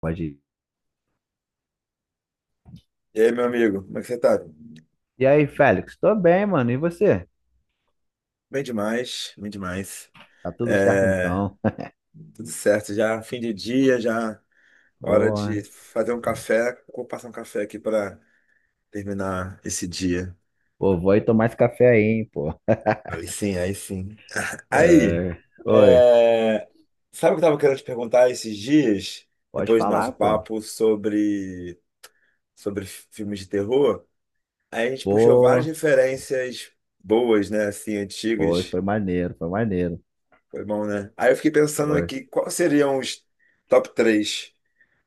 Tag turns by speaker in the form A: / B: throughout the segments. A: Pode ir.
B: E aí, meu amigo, como é que você tá?
A: E aí, Félix? Tô bem, mano. E você?
B: Bem demais, bem demais.
A: Tá tudo certo
B: É,
A: então?
B: tudo certo, já fim de dia, já hora
A: Ô,
B: de fazer um café. Vou passar um café aqui para terminar esse dia.
A: pô, vou aí tomar esse café aí, hein, pô.
B: Aí sim, aí sim. Aí,
A: É, oi,
B: é, sabe o que eu tava querendo te perguntar esses dias,
A: pode
B: depois do nosso
A: falar, pô.
B: papo sobre filmes de terror? Aí a gente puxou várias
A: Pô,
B: referências boas, né, assim,
A: foi,
B: antigas.
A: foi maneiro, foi maneiro.
B: Foi bom, né? Aí eu fiquei pensando
A: Foi.
B: aqui, quais seriam os top três,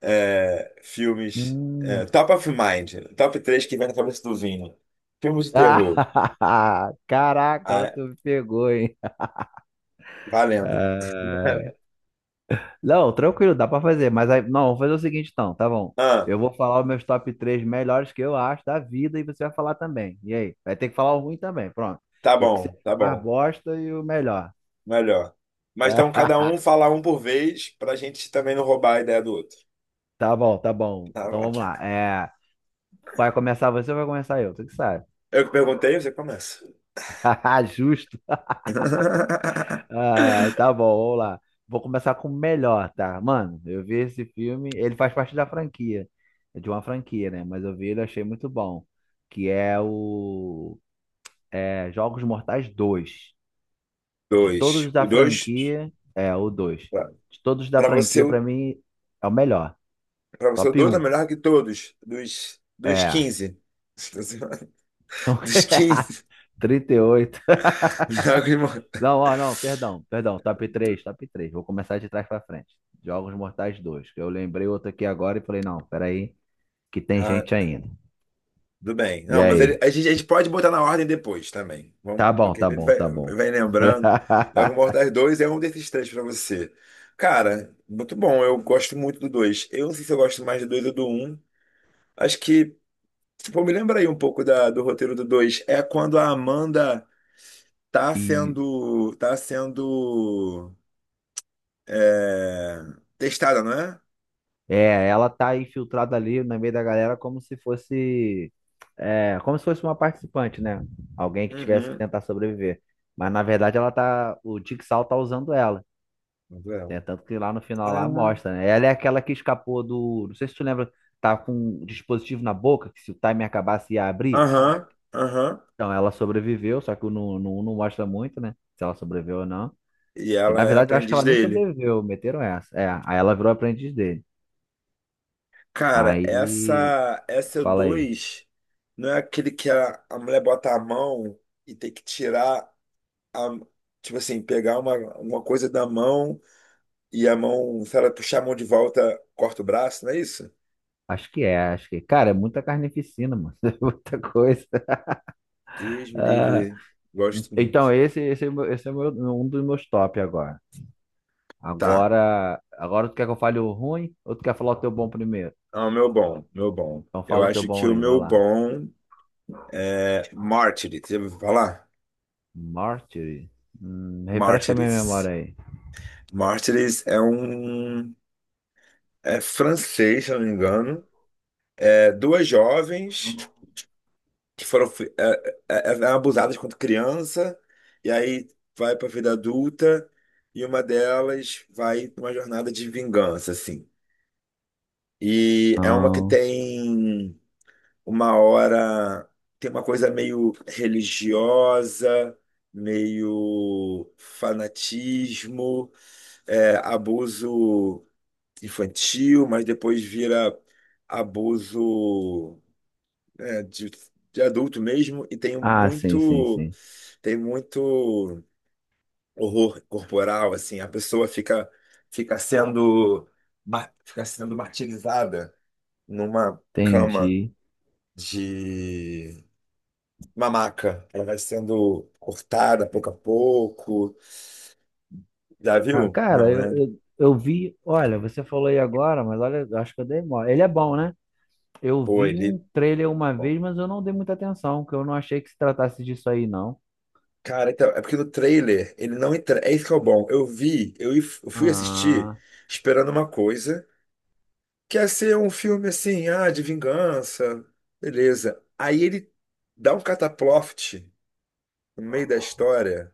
B: filmes,
A: Hum.
B: top of mind, top 3 que vem na cabeça do Vini. Filmes de terror.
A: Ah, caraca, agora
B: Ah,
A: tu me pegou, hein?
B: valendo.
A: Não, tranquilo, dá pra fazer. Mas aí, não, vou fazer o seguinte então, tá bom.
B: Ah,
A: Eu vou falar os meus top três melhores que eu acho da vida e você vai falar também. E aí? Vai ter que falar o ruim também, pronto.
B: tá
A: O que você
B: bom, tá
A: achou mais
B: bom.
A: bosta e o melhor.
B: Melhor. Mas então cada um falar um por vez pra gente também não roubar a ideia do outro.
A: Tá, tá bom, tá bom.
B: Tá
A: Então
B: bom.
A: vamos lá. É, vai começar você ou vai começar eu? Tu que sabe.
B: Eu que perguntei, você começa.
A: Justo. Ah, tá bom, vamos lá. Vou começar com o melhor, tá? Mano, eu vi esse filme, ele faz parte da franquia, de uma franquia, né? Mas eu vi ele e achei muito bom, que é o é, Jogos Mortais dois, de todos
B: Dois. O
A: da
B: dois,
A: franquia, é o 2.
B: pra
A: De todos da
B: pra você,
A: franquia, pra
B: o.
A: mim, é o melhor.
B: Pra você, o
A: Top
B: 2 é
A: um.
B: melhor que todos. Dos
A: É.
B: quinze.
A: São
B: Dos quinze.
A: 38.
B: Melhor que o irmão.
A: Não, ó, não, perdão, perdão. Top 3, top 3. Vou começar de trás pra frente. Jogos Mortais dois. Que Eu lembrei outro aqui agora e falei, não, peraí, que tem
B: Ah,
A: gente ainda.
B: tudo bem.
A: E
B: Não, mas ele-
A: aí?
B: a gente pode botar na ordem depois também. Vamos,
A: Tá bom,
B: porque a
A: tá
B: gente
A: bom,
B: vai,
A: tá bom.
B: vai lembrando. Dragon Ball Mortais 2 é um desses três pra você. Cara, muito bom. Eu gosto muito do dois. Eu não sei se eu gosto mais do dois ou do um. Acho que, tipo, me lembra aí um pouco da, do roteiro do dois. É quando a Amanda tá
A: E
B: sendo. Tá sendo. É, testada, não é?
A: Ela tá infiltrada ali no meio da galera como se fosse, como se fosse uma participante, né? Alguém que tivesse que
B: Uhum.
A: tentar sobreviver. Mas na verdade ela tá, o Jigsaw tá usando ela,
B: Manuela.
A: né? Tanto que lá no final lá
B: Ah.
A: mostra, né? Ela é aquela que escapou do, não sei se tu lembra, tá com um dispositivo na boca que se o timer acabasse ia abrir. Trá!
B: Aham, aham.
A: Então ela sobreviveu, só que o não, não, não mostra muito, né? Se ela sobreviveu ou não.
B: E
A: Que
B: ela
A: na
B: é
A: verdade eu acho que
B: aprendiz
A: ela nem
B: dele.
A: sobreviveu, meteram essa. É, aí ela virou aprendiz dele.
B: Cara,
A: Aí,
B: essa
A: fala aí.
B: dois, não é aquele que a mulher bota a mão e tem que tirar a, tipo assim, pegar uma coisa da mão e a mão, se ela puxar a mão de volta, corta o braço, não é isso?
A: Acho que é, acho que. Cara, é muita carnificina, mano. É muita coisa.
B: Deus me
A: Ah,
B: livre, gosto
A: então,
B: muito.
A: esse é o meu- um dos meus top agora.
B: Tá.
A: Agora, agora tu quer que eu fale o ruim ou tu quer falar o teu bom primeiro?
B: Ah, o meu bom, meu bom.
A: Então
B: Eu
A: fala o teu
B: acho que
A: bom
B: o
A: aí, vai
B: meu
A: lá.
B: bom é Mártires. Você ouviu falar?
A: Martyr? Refresca a minha memória
B: Mártires.
A: aí.
B: Martyrs é um. É francês, se eu não me engano. É duas jovens que foram fi- é abusadas quando criança, e aí vai para a vida adulta, e uma delas vai pra uma jornada de vingança, assim. E é uma que
A: Não.
B: tem uma hora. Tem uma coisa meio religiosa, meio fanatismo, é, abuso infantil, mas depois vira abuso, né, de adulto mesmo, e
A: Ah, sim, sim, sim.
B: tem muito horror corporal, assim, a pessoa fica, fica sendo, ma- fica sendo martirizada numa cama
A: Entendi.
B: de uma maca. Ela vai sendo cortada pouco a pouco. Já
A: Ah,
B: viu?
A: cara,
B: Não,
A: eu,
B: né?
A: eu, eu vi. Olha, você falou aí agora, mas olha, eu acho que eu dei mole. Ele é bom, né? Eu
B: Pô,
A: vi
B: ele.
A: um trailer uma vez, mas eu não dei muita atenção, porque eu não achei que se tratasse disso aí, não.
B: Cara, então, é porque no trailer ele não entra. É isso que é o bom. Eu vi, eu if- eu fui assistir
A: Ah,
B: esperando uma coisa, que ia ser um filme assim, ah, de vingança, beleza. Aí ele dá um cataploft no meio da história,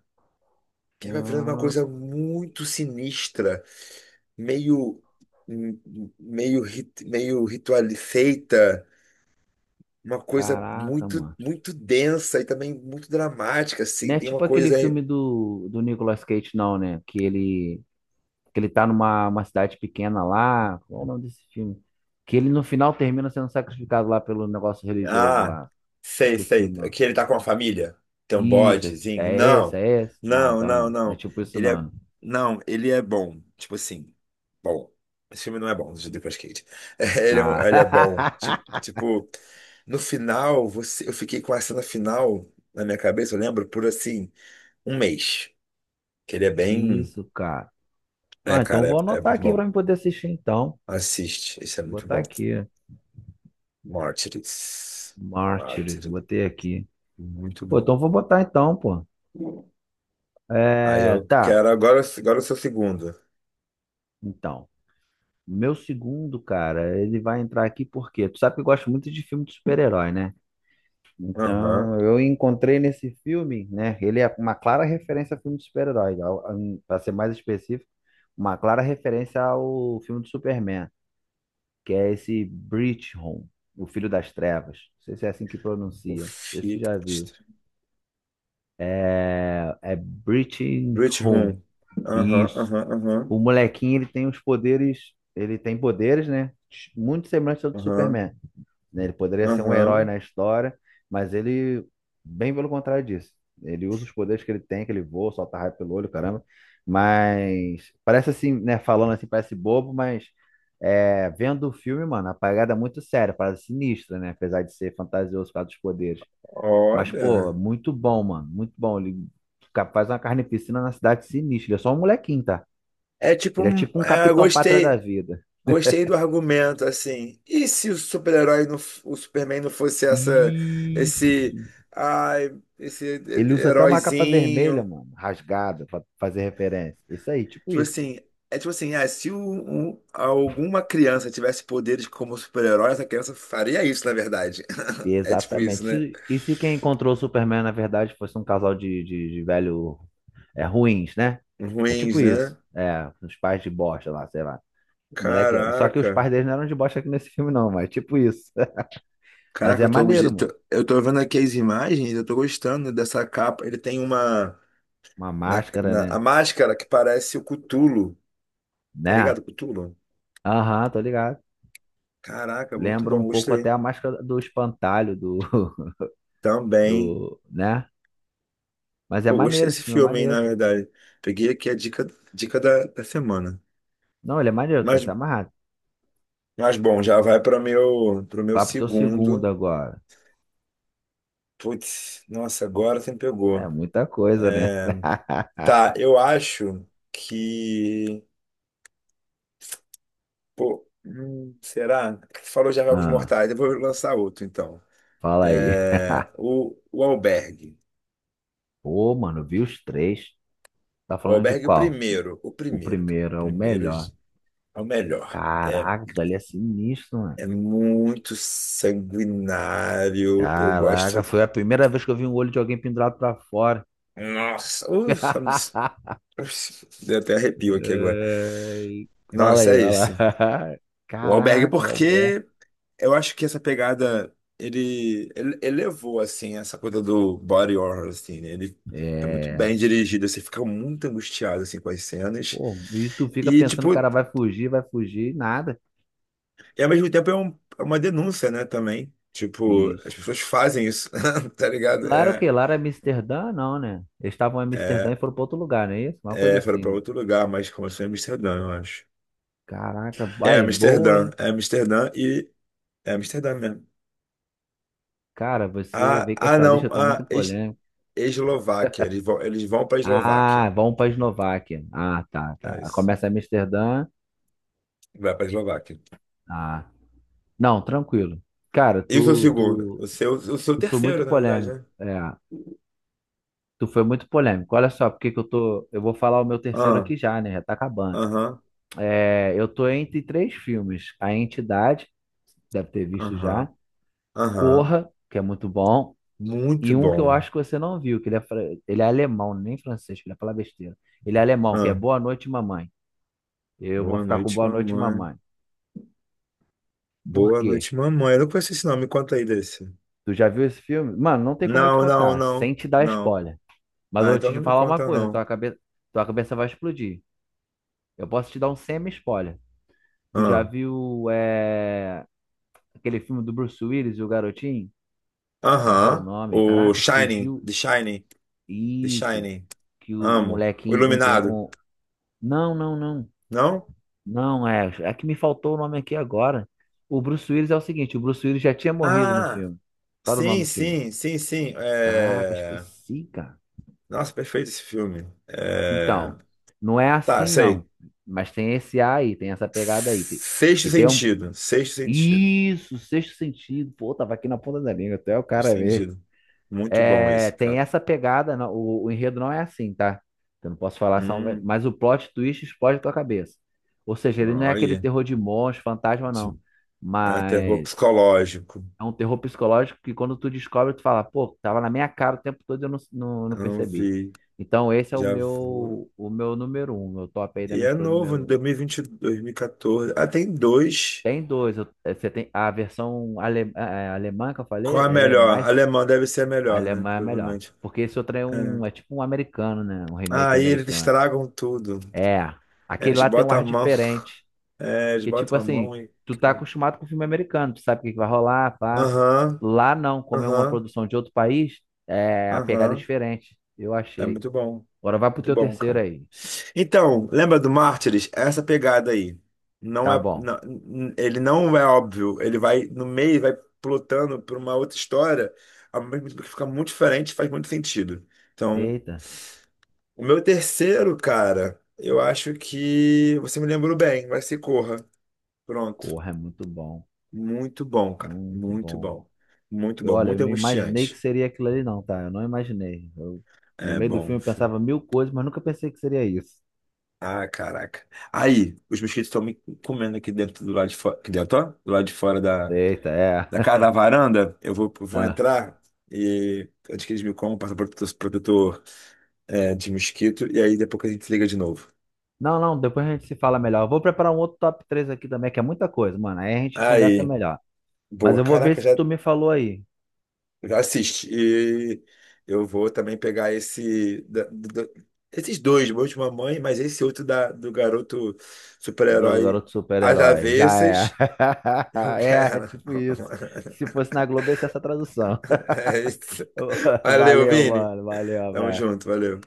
B: que vai virando uma coisa muito sinistra, meio, meio, rit- meio ritual feita, uma coisa
A: caraca, mano.
B: muito densa e também muito dramática,
A: Não
B: assim.
A: é
B: Tem uma
A: tipo aquele
B: coisa.
A: filme do Nicolas Cage, não, né? Que ele tá numa uma cidade pequena lá. Qual é o nome desse filme? Que ele no final termina sendo sacrificado lá pelo negócio religioso
B: Ah,
A: lá.
B: sei,
A: Esqueci,
B: sei.
A: mano.
B: Que ele tá com a família. Tem um
A: Isso, é,
B: bodezinho.
A: é esse,
B: Não,
A: é esse? Não,
B: não,
A: então
B: não,
A: não. Não é
B: não.
A: tipo isso,
B: Ele é.
A: não, né?
B: Não, ele é bom. Tipo assim, bom. Esse filme não é bom, de Nicolas Cage. Ele é, um- ele é bom. Ti-
A: Ah,
B: Tipo, no final, você, eu fiquei com a cena final na minha cabeça, eu lembro, por assim, um mês. Que ele é
A: que
B: bem.
A: isso, cara.
B: É,
A: Ah, então
B: cara,
A: vou
B: é
A: anotar
B: muito
A: aqui pra
B: bom.
A: mim poder assistir, então.
B: Assiste, isso é muito
A: Botar
B: bom.
A: aqui.
B: Mártires.
A: Mártires,
B: Mártires.
A: botei aqui.
B: Muito
A: Pô,
B: bom.
A: então vou botar então, pô.
B: Aí
A: É,
B: eu
A: tá,
B: quero agora, agora o seu segundo.
A: então. Meu segundo, cara, ele vai entrar aqui porque tu sabe que eu gosto muito de filme de super-herói, né?
B: Aham.
A: Então, eu encontrei nesse filme, né? Ele é uma clara referência a filme de super-herói, pra ser mais específico, uma clara referência ao filme do Superman, que é esse Home, o Filho das Trevas. Não sei se é assim que
B: O
A: pronuncia. Não sei se tu já viu.
B: Fitch.
A: É
B: Bridge
A: Home.
B: Room. Aham,
A: Isso.
B: aham,
A: O
B: aham.
A: molequinho, ele tem os poderes, ele tem poderes, né? Muito semelhante ao do
B: Aham,
A: Superman, né? Ele poderia ser um herói
B: aham.
A: na história, mas ele, bem pelo contrário disso. Ele usa os poderes que ele tem, que ele voa, solta raio pelo olho, caramba. Mas parece assim, né? Falando assim, parece bobo, mas vendo o filme, mano, a parada é muito séria, parada sinistra, né? Apesar de ser fantasioso por causa dos poderes. Mas, pô,
B: Olha.
A: muito bom, mano, muito bom. Ele faz uma carneficina na cidade sinistra. Ele é só um molequinho, tá?
B: É tipo,
A: Ele é
B: um-
A: tipo um
B: é,
A: Capitão Pátria da
B: gostei,
A: vida.
B: gostei do argumento, assim. E se o super-herói, não f- o Superman não fosse essa, esse,
A: Isso.
B: ai, esse
A: Ele usa até uma capa vermelha,
B: heróizinho?
A: mano, rasgada, pra fazer referência. Isso aí, tipo
B: Tipo
A: isso.
B: assim, é tipo assim, ah, se o- o- alguma criança tivesse poderes como super-herói, essa criança faria isso, na verdade. É tipo isso,
A: Exatamente.
B: né?
A: E se quem encontrou o Superman, na verdade, fosse um casal de velho ruins, né? É tipo
B: Ruins,
A: isso.
B: né?
A: É, os pais de bosta lá, sei lá. O moleque. Só que os
B: Caraca.
A: pais deles não eram de bosta aqui nesse filme, não, mas é tipo isso. Mas
B: Caraca,
A: é
B: eu tô,
A: maneiro,
B: gost- tô-
A: mano.
B: eu tô vendo aqui as imagens, eu tô gostando dessa capa. Ele tem uma.
A: Uma
B: Na,
A: máscara,
B: na- a
A: né?
B: máscara que parece o Cthulhu. Tá
A: Né?
B: ligado, Cthulhu?
A: Aham, tô ligado.
B: Caraca, muito
A: Lembra um
B: bom,
A: pouco até
B: gostei.
A: a máscara do espantalho do,
B: Também.
A: do, né? Mas é
B: Pô, gostei
A: maneiro, esse
B: desse
A: filme é
B: filme, hein, na
A: maneiro.
B: verdade. Peguei aqui a dica, dica da, da semana.
A: Não, ele é maneiro, tu vai
B: Mas,
A: se amarrar.
B: mas bom, já vai para meu, pro meu
A: Vá pro teu segundo
B: segundo.
A: agora.
B: Putz, nossa, agora você me
A: É
B: pegou.
A: muita coisa, né?
B: Tá, eu acho que. Pô, será? Você falou já Jogos
A: Ah,
B: Mortais, eu vou lançar outro então.
A: fala aí.
B: É, o Albergue.
A: Pô, mano, vi os três. Tá
B: O
A: falando de
B: Albergue, é o
A: qual?
B: primeiro. O
A: O
B: primeiro, cara.
A: primeiro
B: O
A: é o
B: primeiro
A: melhor.
B: é o melhor. É,
A: Caraca, aquilo ali é sinistro, mano.
B: é muito sanguinário. Eu
A: Caraca,
B: gosto.
A: foi a primeira vez que eu vi um olho de alguém pendurado pra fora.
B: Nossa, ufa, deu até arrepio aqui agora.
A: Ai, fala
B: Nossa,
A: aí,
B: é
A: vai lá.
B: esse. O Albergue,
A: Caraca, o Alberto.
B: porque eu acho que essa pegada, ele elevou, assim, essa coisa do body horror, assim, né? Ele é muito
A: É.
B: bem dirigido, você fica muito angustiado, assim, com as cenas.
A: Pô, e tu fica
B: E,
A: pensando,
B: tipo,
A: o cara vai fugir, nada.
B: e ao mesmo tempo é, um- é uma denúncia, né, também. Tipo, as
A: Isso.
B: pessoas fazem isso, tá ligado?
A: Lá era o
B: É,
A: quê? Lá era Amsterdã? Não, né? Eles estavam em Amsterdã e foram para outro lugar, não é isso? Uma coisa
B: é, foram
A: assim,
B: pra
A: né?
B: outro lugar, mas começou em Amsterdã, eu acho.
A: Caraca, vai, boa, hein?
B: É Amsterdã e... É Amsterdã mesmo.
A: Cara, você
B: Ah,
A: vê que
B: ah
A: essa
B: não,
A: lista tá
B: ah,
A: muito
B: Es-
A: polêmica.
B: Eslováquia, eles vão pra Eslováquia.
A: Ah, vamos para Eslováquia. Ah, tá,
B: É
A: tá.
B: isso.
A: Começa em Amsterdã.
B: Vai pra Eslováquia.
A: Ah, não, tranquilo. Cara,
B: Isso é o
A: tu,
B: segundo.
A: tu,
B: O seu
A: tu foi
B: terceiro,
A: muito
B: na verdade,
A: polêmico.
B: né?
A: É, tu foi muito polêmico. Olha só, porque que eu tô. Eu vou falar o meu terceiro
B: Ah,
A: aqui já, né? Já tá acabando.
B: aham,
A: É, eu tô entre três filmes: A Entidade, deve ter visto já,
B: aham, aham.
A: Corra, que é muito bom,
B: Muito
A: e um que eu
B: bom.
A: acho que você não viu, que ele é, ele é alemão, nem francês, que ele falar besteira. Ele é alemão, que é
B: Ah,
A: Boa Noite, Mamãe. Eu vou
B: boa
A: ficar com
B: noite,
A: Boa Noite,
B: mamãe.
A: Mamãe. Por
B: Boa
A: quê?
B: noite, mamãe. Eu não conheço esse nome. Me conta aí desse.
A: Tu já viu esse filme? Mano, não tem como eu te
B: Não, não,
A: contar,
B: não,
A: sem te dar
B: não.
A: spoiler. Mas eu
B: Ah,
A: vou
B: então
A: te
B: não me
A: falar uma
B: conta,
A: coisa,
B: não.
A: tua cabeça vai explodir. Eu posso te dar um semi-spoiler. Tu já
B: Ah,
A: viu aquele filme do Bruce Willis e o Garotinho? Como é que era o
B: aham.
A: nome?
B: O
A: Caraca,
B: Shining,
A: fugiu.
B: The Shining, The
A: Isso.
B: Shining.
A: Que o
B: Amo. O
A: molequinho.
B: Iluminado.
A: Não, não, não.
B: Não?
A: Não, é. É que me faltou o nome aqui agora. O Bruce Willis é o seguinte: o Bruce Willis já tinha morrido no
B: Ah,
A: filme. Qual era o
B: sim,
A: nome do filme?
B: sim.
A: Caraca,
B: É...
A: esqueci, cara.
B: Nossa, perfeito esse filme. É...
A: Então, não é
B: Tá,
A: assim,
B: sei.
A: não. Mas tem esse A aí, tem essa pegada aí.
B: Sexto
A: E tem um.
B: sentido. Sexto sentido.
A: Isso, sexto sentido. Pô, tava aqui na ponta da língua, até o
B: Sexto
A: cara ver.
B: sentido. Muito bom
A: É,
B: esse,
A: tem
B: cara.
A: essa pegada, o enredo não é assim, tá? Eu não posso falar, são,
B: Hum,
A: mas o plot twist explode a tua cabeça. Ou seja, ele não é aquele
B: olha.
A: terror de monstro, fantasma,
B: De,
A: não.
B: é terror
A: Mas
B: psicológico.
A: é um terror psicológico que quando tu descobre, tu fala, pô, tava na minha cara o tempo todo e eu não
B: Eu não
A: percebi.
B: vi.
A: Então esse é o
B: Já vou.
A: meu, o meu número um, meu top aí da
B: E
A: minha
B: é
A: escolha
B: novo, em
A: número um.
B: dois mil e 2014. Ah, tem dois.
A: Tem dois, você tem a versão alemã que eu
B: Qual é
A: falei,
B: a
A: ela é
B: melhor?
A: mais.
B: Alemão deve ser a
A: A
B: melhor, né?
A: alemã é melhor.
B: Provavelmente.
A: Porque esse outro é
B: É.
A: um, é tipo um americano, né? Um remake
B: Aí eles
A: americano.
B: estragam tudo.
A: É,
B: É,
A: aquele
B: eles
A: lá tem um
B: botam a
A: ar
B: mão.
A: diferente.
B: É, eles
A: Que tipo
B: botam a
A: assim,
B: mão e,
A: tu tá
B: cara.
A: acostumado com filme americano, tu sabe o que que vai rolar, pá.
B: Aham,
A: Lá não, como é uma
B: aham,
A: produção de outro país, a pegada é
B: aham.
A: diferente. Eu
B: É
A: achei.
B: muito bom.
A: Agora vai pro
B: Muito
A: teu
B: bom,
A: terceiro
B: cara.
A: aí.
B: Então, lembra do Mártires? É essa pegada aí. Não
A: Tá
B: é,
A: bom.
B: não- ele não é óbvio. Ele vai no meio, e vai plotando por uma outra história, ao mesmo tempo que fica muito diferente, faz muito sentido. Então,
A: Eita,
B: o meu terceiro, cara, eu acho que você me lembrou bem. Vai ser Corra. Pronto.
A: corra, é muito bom.
B: Muito bom, cara.
A: Muito
B: Muito
A: bom.
B: bom. Muito
A: Eu,
B: bom.
A: olha, eu
B: Muito
A: não imaginei que
B: angustiante.
A: seria aquilo ali, não, tá? Eu não imaginei. No
B: É
A: meio do
B: bom.
A: filme eu pensava mil coisas, mas nunca pensei que seria isso.
B: Ah, caraca. Aí, os mosquitos estão me comendo aqui dentro do lado de fora. Aqui dentro, ó, do lado de fora da,
A: Eita, é.
B: da casa, da varanda. Eu vou
A: Ah.
B: entrar e antes que eles me comam, passa protetor, protetor, é, de mosquito. E aí depois que a gente se liga de novo.
A: Não, não, depois a gente se fala melhor. Eu vou preparar um outro top 3 aqui também, que é muita coisa, mano. Aí a gente conversa
B: Aí,
A: melhor. Mas
B: boa.
A: eu vou ver
B: Caraca,
A: esse que
B: já,
A: tu me falou aí,
B: já assiste. E eu vou também pegar esse. Da- do- do- esses dois, meu de mamãe, mas esse outro da, do garoto
A: do
B: super-herói
A: garoto
B: às
A: super-herói. Já é.
B: avessas. Eu
A: É
B: quero.
A: tipo isso. Se fosse na Globo, ia ser essa tradução.
B: É isso. Valeu,
A: Valeu,
B: Vini.
A: mano. Valeu,
B: Tamo
A: abraço.
B: junto, valeu.